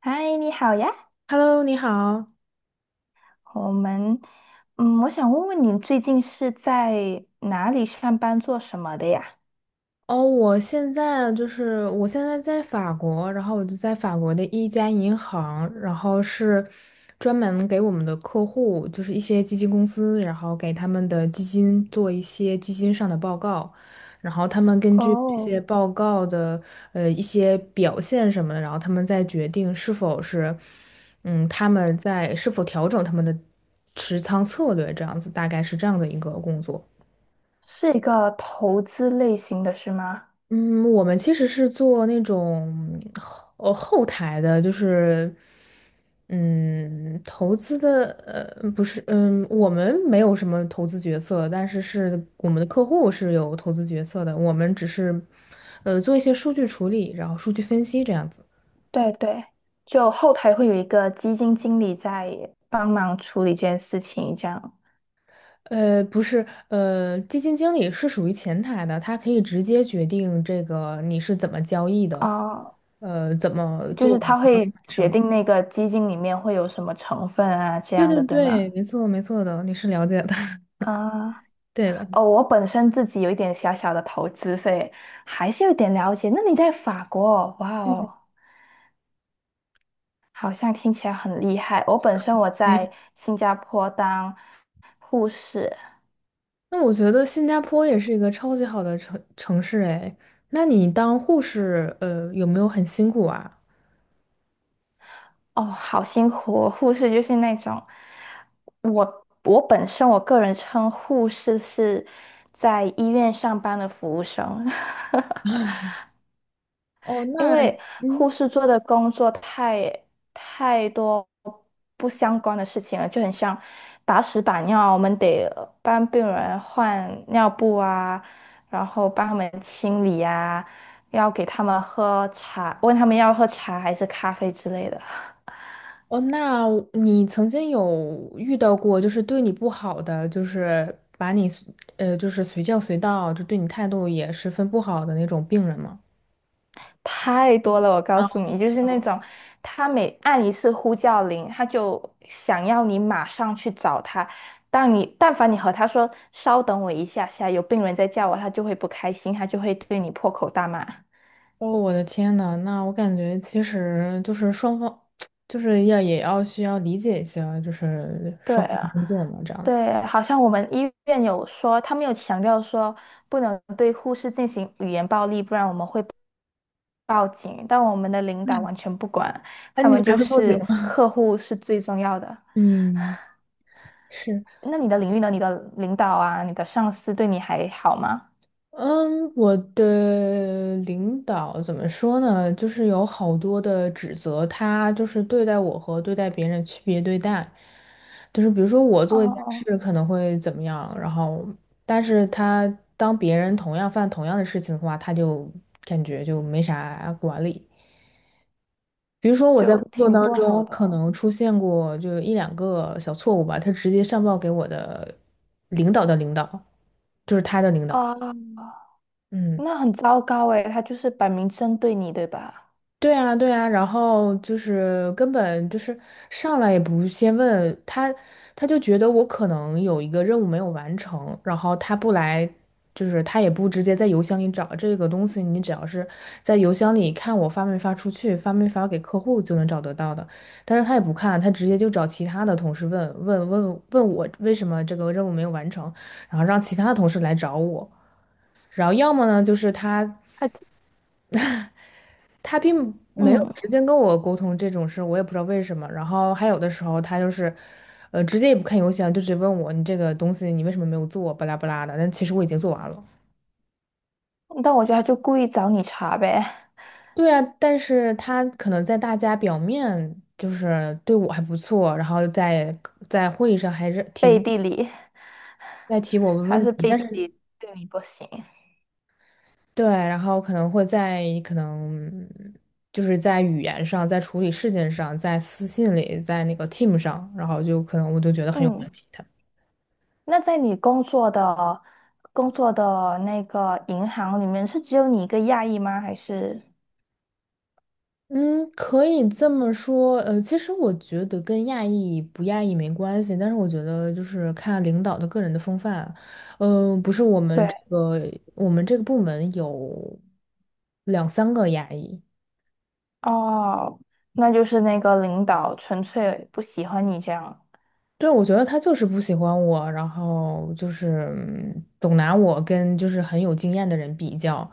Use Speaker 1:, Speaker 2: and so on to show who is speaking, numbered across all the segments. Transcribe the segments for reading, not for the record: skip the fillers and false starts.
Speaker 1: 嗨，你好呀。
Speaker 2: Hello，你好。
Speaker 1: 我们，嗯，我想问问你最近是在哪里上班，做什么的呀？
Speaker 2: 哦，我现在在法国，然后我就在法国的一家银行，然后是专门给我们的客户，就是一些基金公司，然后给他们的基金做一些基金上的报告，然后他们根据这些
Speaker 1: 哦，
Speaker 2: 报告的一些表现什么的，然后他们再决定是否是嗯他们在是否调整他们的持仓策略，这样子大概是这样的一个工作。
Speaker 1: 是一个投资类型的是吗？
Speaker 2: 嗯，我们其实是做那种后台的，就是投资的不是，我们没有什么投资决策，但是我们的客户是有投资决策的，我们只是做一些数据处理，然后数据分析这样子。
Speaker 1: 对对，就后台会有一个基金经理在帮忙处理这件事情，这样。
Speaker 2: 不是，基金经理是属于前台的，他可以直接决定这个你是怎么交易的，
Speaker 1: 哦，
Speaker 2: 怎么
Speaker 1: 就是
Speaker 2: 做。
Speaker 1: 他会
Speaker 2: 什
Speaker 1: 决
Speaker 2: 么。
Speaker 1: 定那个基金里面会有什么成分啊，这
Speaker 2: 对
Speaker 1: 样
Speaker 2: 对
Speaker 1: 的，对
Speaker 2: 对，
Speaker 1: 吗？
Speaker 2: 没错没错的，你是了解的，
Speaker 1: 啊、
Speaker 2: 对的，
Speaker 1: 哦，我本身自己有一点小小的投资，所以还是有点了解。那你在法国，哇
Speaker 2: 嗯，
Speaker 1: 哦，好像听起来很厉害。我本身我
Speaker 2: 没
Speaker 1: 在
Speaker 2: 有。
Speaker 1: 新加坡当护士，
Speaker 2: 那我觉得新加坡也是一个超级好的城市哎。那你当护士，有没有很辛苦啊？
Speaker 1: 哦，好辛苦哦。护士就是那种，我本身我个人称护士是在医院上班的服务生。
Speaker 2: 哦，
Speaker 1: 因
Speaker 2: 那
Speaker 1: 为
Speaker 2: 嗯，
Speaker 1: 护士做的工作太多不相关的事情了，就很像把屎把尿，我们得帮病人换尿布啊，然后帮他们清理啊，要给他们喝茶，问他们要喝茶还是咖啡之类的。
Speaker 2: 哦，那你曾经有遇到过就是对你不好的，就是把你就是随叫随到，就对你态度也十分不好的那种病人吗？
Speaker 1: 太多了，我告诉你，就是那种他每按一次呼叫铃，他就想要你马上去找他。但你但凡你和他说“稍等我一下下，有病人在叫我”，他就会不开心，他就会对你破口大骂。
Speaker 2: 哦，我的天呐，那我感觉其实就是双方，就是要也要需要理解一下，就是双
Speaker 1: 对
Speaker 2: 方的
Speaker 1: 啊，
Speaker 2: 工作嘛，这样子。
Speaker 1: 对，好像我们医院有说，他们有强调说不能对护士进行语言暴力，不然我们会报警。但我们的领导完全不管，
Speaker 2: 哎，
Speaker 1: 他
Speaker 2: 你
Speaker 1: 们
Speaker 2: 们还
Speaker 1: 就
Speaker 2: 会报警
Speaker 1: 是
Speaker 2: 吗？
Speaker 1: 客户是最重要的。
Speaker 2: 嗯，是。
Speaker 1: 那你的领域呢？你的领导啊，你的上司对你还好吗？
Speaker 2: 嗯，我的领导怎么说呢？就是有好多的指责，他就是对待我和对待别人区别对待，就是比如说我做一件事
Speaker 1: 哦，
Speaker 2: 可能会怎么样，然后但是他当别人同样犯同样的事情的话，他就感觉就没啥管理。比如说我在
Speaker 1: 就
Speaker 2: 工作
Speaker 1: 挺
Speaker 2: 当
Speaker 1: 不好
Speaker 2: 中
Speaker 1: 的
Speaker 2: 可
Speaker 1: 哦。
Speaker 2: 能出现过就一两个小错误吧，他直接上报给我的领导的领导，就是他的领导，
Speaker 1: 啊，
Speaker 2: 嗯。
Speaker 1: 那很糟糕诶，他就是摆明针对你，对吧？
Speaker 2: 对啊，对啊，然后就是根本就是上来也不先问他，他就觉得我可能有一个任务没有完成，然后他不来，就是他也不直接在邮箱里找这个东西，你只要是在邮箱里看我发没发出去，发没发给客户就能找得到的，但是他也不看，他直接就找其他的同事问问我为什么这个任务没有完成，然后让其他的同事来找我。然后要么呢，就是他
Speaker 1: 他，
Speaker 2: 他并没有
Speaker 1: 嗯，
Speaker 2: 直接跟我沟通这种事，我也不知道为什么。然后还有的时候他就是，直接也不看邮箱，就直接问我你这个东西你为什么没有做，巴拉巴拉的。但其实我已经做完了。
Speaker 1: 但我觉得他就故意找你茬呗，
Speaker 2: 对啊，但是他可能在大家表面就是对我还不错，然后在会议上还是提
Speaker 1: 背地里，
Speaker 2: 在提我问
Speaker 1: 还
Speaker 2: 问
Speaker 1: 是
Speaker 2: 题，
Speaker 1: 背
Speaker 2: 但
Speaker 1: 地
Speaker 2: 是
Speaker 1: 里对你不行。
Speaker 2: 对，然后可能就是在语言上，在处理事件上，在私信里，在那个 team 上，然后就可能我就觉得很有问
Speaker 1: 嗯，
Speaker 2: 题。
Speaker 1: 那在你工作的那个银行里面，是只有你一个亚裔吗？还是？
Speaker 2: 嗯，可以这么说。其实我觉得跟亚裔不亚裔没关系，但是我觉得就是看领导的个人的风范。嗯，不是我们
Speaker 1: 对。
Speaker 2: 这个我们这个部门有两三个亚裔，
Speaker 1: 哦，那就是那个领导纯粹不喜欢你这样。
Speaker 2: 对，我觉得他就是不喜欢我，然后就是总拿我跟就是很有经验的人比较，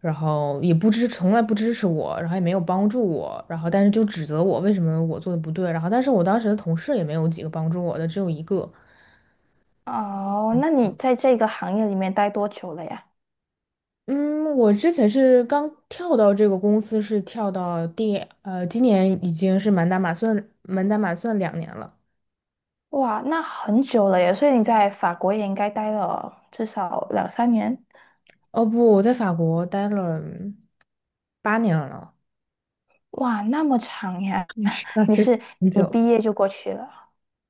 Speaker 2: 然后也不支，从来不支持我，然后也没有帮助我，然后但是就指责我为什么我做的不对，然后但是我当时的同事也没有几个帮助我的，只有一个。
Speaker 1: 哦，那你在这个行业里面待多久了呀？
Speaker 2: 嗯，我之前是刚跳到这个公司，是跳到第呃，今年已经是满打满算2年了。
Speaker 1: 哇，那很久了耶，所以你在法国也应该待了至少两三年。
Speaker 2: 哦不，我在法国待了8年了，
Speaker 1: 哇，那么长呀！
Speaker 2: 你是 那
Speaker 1: 你
Speaker 2: 是
Speaker 1: 是
Speaker 2: 很
Speaker 1: 一
Speaker 2: 久。
Speaker 1: 毕业就过去了？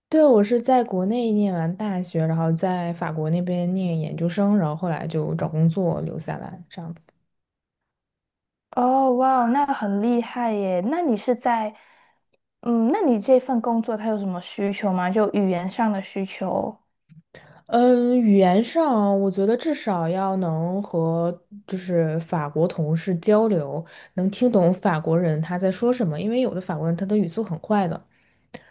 Speaker 2: 对，我是在国内念完大学，然后在法国那边念研究生，然后后来就找工作留下来，这样子。
Speaker 1: 哦，哇，那很厉害耶。那你是在，嗯，那你这份工作它有什么需求吗？就语言上的需求？
Speaker 2: 嗯，语言上我觉得至少要能和就是法国同事交流，能听懂法国人他在说什么，因为有的法国人他的语速很快的，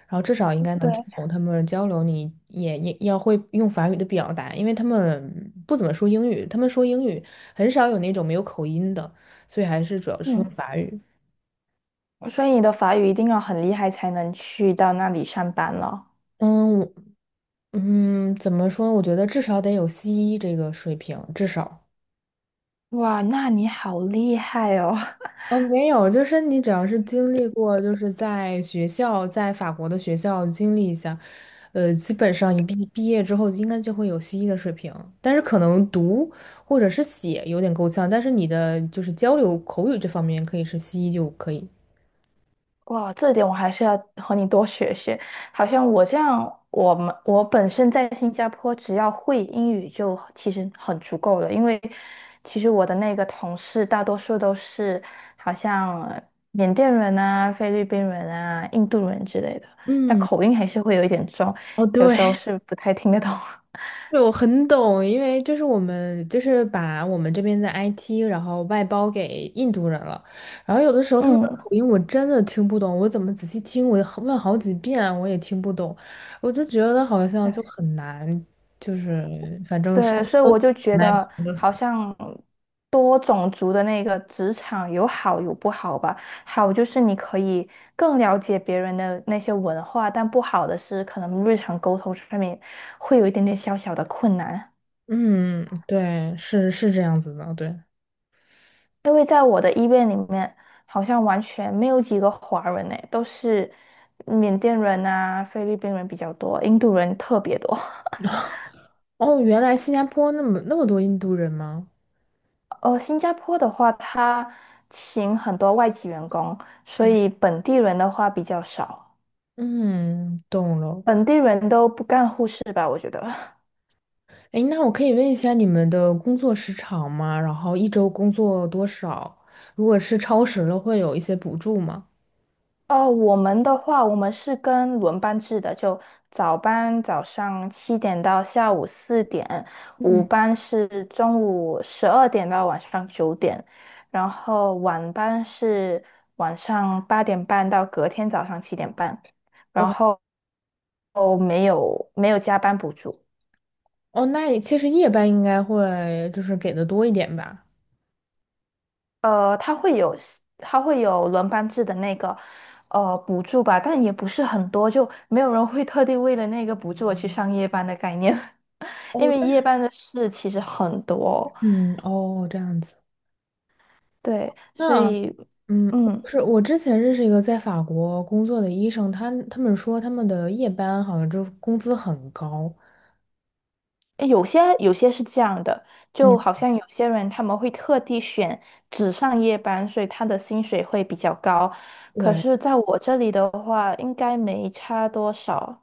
Speaker 2: 然后至少应该
Speaker 1: 对，
Speaker 2: 能听懂他们交流。你也要会用法语的表达，因为他们不怎么说英语，他们说英语很少有那种没有口音的，所以还是主要是
Speaker 1: 嗯。
Speaker 2: 用法语。
Speaker 1: 所以你的法语一定要很厉害才能去到那里上班了。
Speaker 2: 嗯，嗯，怎么说？我觉得至少得有西医这个水平，至少。
Speaker 1: 哇，那你好厉害哦！
Speaker 2: 哦，没有，就是你只要是经历过，就是在学校，在法国的学校经历一下，基本上你毕业之后应该就会有西医的水平，但是可能读或者是写有点够呛，但是你的就是交流口语这方面可以是西医就可以。
Speaker 1: 哇，这点我还是要和你多学学。好像我这样，我本身在新加坡，只要会英语就其实很足够了。因为其实我的那个同事大多数都是好像缅甸人啊、菲律宾人啊、印度人之类的，那
Speaker 2: 嗯，
Speaker 1: 口音还是会有一点重，
Speaker 2: 哦，
Speaker 1: 有时候
Speaker 2: 对。
Speaker 1: 是不太听得懂。
Speaker 2: 对，我很懂，因为就是我们就是把我们这边的 IT，然后外包给印度人了，然后有的时 候他们的
Speaker 1: 嗯。
Speaker 2: 口音我真的听不懂，我怎么仔细听，我也好问好几遍啊我也听不懂，我就觉得好像就
Speaker 1: 对。
Speaker 2: 很难，就是反正
Speaker 1: 对，所以我就觉
Speaker 2: 来
Speaker 1: 得好像多种族的那个职场有好有不好吧。好就是你可以更了解别人的那些文化，但不好的是可能日常沟通上面会有一点点小小的困难。
Speaker 2: 嗯，对，是是这样子的，对。
Speaker 1: 因为在我的医院里面，好像完全没有几个华人呢，都是缅甸人啊、菲律宾人比较多，印度人特别多。
Speaker 2: 哦，原来新加坡那么那么多印度人吗？
Speaker 1: 哦，新加坡的话，他请很多外籍员工，所以本地人的话比较少，
Speaker 2: 嗯，懂了。
Speaker 1: 本地人都不干护士吧，我觉得。
Speaker 2: 哎，那我可以问一下你们的工作时长吗？然后一周工作多少？如果是超时了，会有一些补助吗？
Speaker 1: 哦，我们的话，我们是跟轮班制的，就早班早上七点到下午4点，午
Speaker 2: 嗯，
Speaker 1: 班是中午12点到晚上9点，然后晚班是晚上8点半到隔天早上7点半，然
Speaker 2: 哦
Speaker 1: 后哦没有没有加班补助。
Speaker 2: 哦，那其实夜班应该会就是给的多一点吧。
Speaker 1: 呃，他会有他会有轮班制的那个补助吧，但也不是很多，就没有人会特地为了那个补助而去上夜班的概念，因
Speaker 2: 哦，
Speaker 1: 为
Speaker 2: 但
Speaker 1: 夜
Speaker 2: 是
Speaker 1: 班的事其实很多，
Speaker 2: 嗯，哦，这样子。
Speaker 1: 对，所
Speaker 2: 那
Speaker 1: 以
Speaker 2: 嗯，
Speaker 1: 嗯，
Speaker 2: 是我之前认识一个在法国工作的医生，他们说他们的夜班好像就工资很高。
Speaker 1: 有些是这样的，就好
Speaker 2: 嗯，
Speaker 1: 像有些人他们会特地选只上夜班，所以他的薪水会比较高，可
Speaker 2: 对，
Speaker 1: 是在我这里的话，应该没差多少。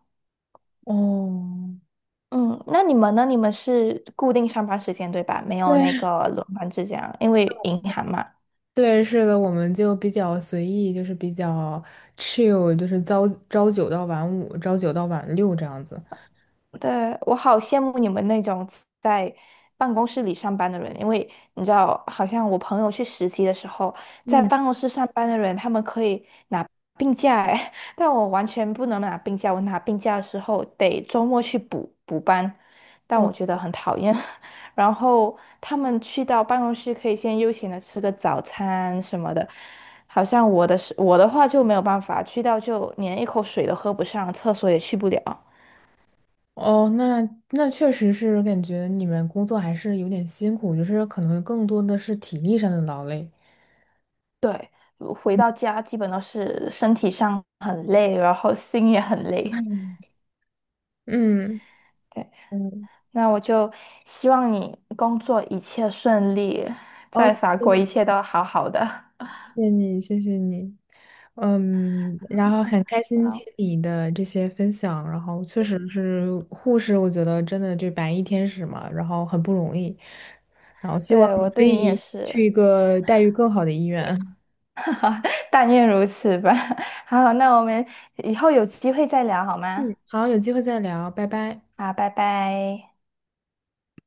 Speaker 2: 哦。
Speaker 1: 嗯，那你们呢？你们是固定上班时间对吧？没有那
Speaker 2: 对。
Speaker 1: 个轮班制这样，因为银行嘛。
Speaker 2: 对，是的，我们就比较随意，就是比较 chill，就是朝九到晚五，朝九到晚六这样子。
Speaker 1: 对，我好羡慕你们那种在办公室里上班的人，因为你知道，好像我朋友去实习的时候，在
Speaker 2: 嗯，
Speaker 1: 办公室上班的人，他们可以拿病假哎，但我完全不能拿病假，我拿病假的时候得周末去补补班，但
Speaker 2: 哦，
Speaker 1: 我觉得很讨厌。然后他们去到办公室可以先悠闲的吃个早餐什么的，好像我的话就没有办法，去到就连一口水都喝不上，厕所也去不了。
Speaker 2: 哦，那确实是感觉你们工作还是有点辛苦，就是可能更多的是体力上的劳累。
Speaker 1: 对，回到家基本都是身体上很累，然后心也很累。
Speaker 2: 嗯，嗯，
Speaker 1: 对，
Speaker 2: 嗯
Speaker 1: 那我就希望你工作一切顺利，
Speaker 2: 哦，
Speaker 1: 在
Speaker 2: 谢
Speaker 1: 法国
Speaker 2: 谢
Speaker 1: 一切都好好的。
Speaker 2: 谢谢你，谢谢你。嗯，然后很开
Speaker 1: 嗯，
Speaker 2: 心听
Speaker 1: 那
Speaker 2: 你的这些分享，然后确实是护士，我觉得真的就白衣天使嘛，然后很不容易，然后希望
Speaker 1: 对
Speaker 2: 你
Speaker 1: 我
Speaker 2: 可
Speaker 1: 对你也
Speaker 2: 以去
Speaker 1: 是，
Speaker 2: 一个待遇更好的医院。
Speaker 1: 但愿如此吧。好，那我们以后有机会再聊好吗？
Speaker 2: 嗯，好，有机会再聊，拜拜。
Speaker 1: 好，拜拜。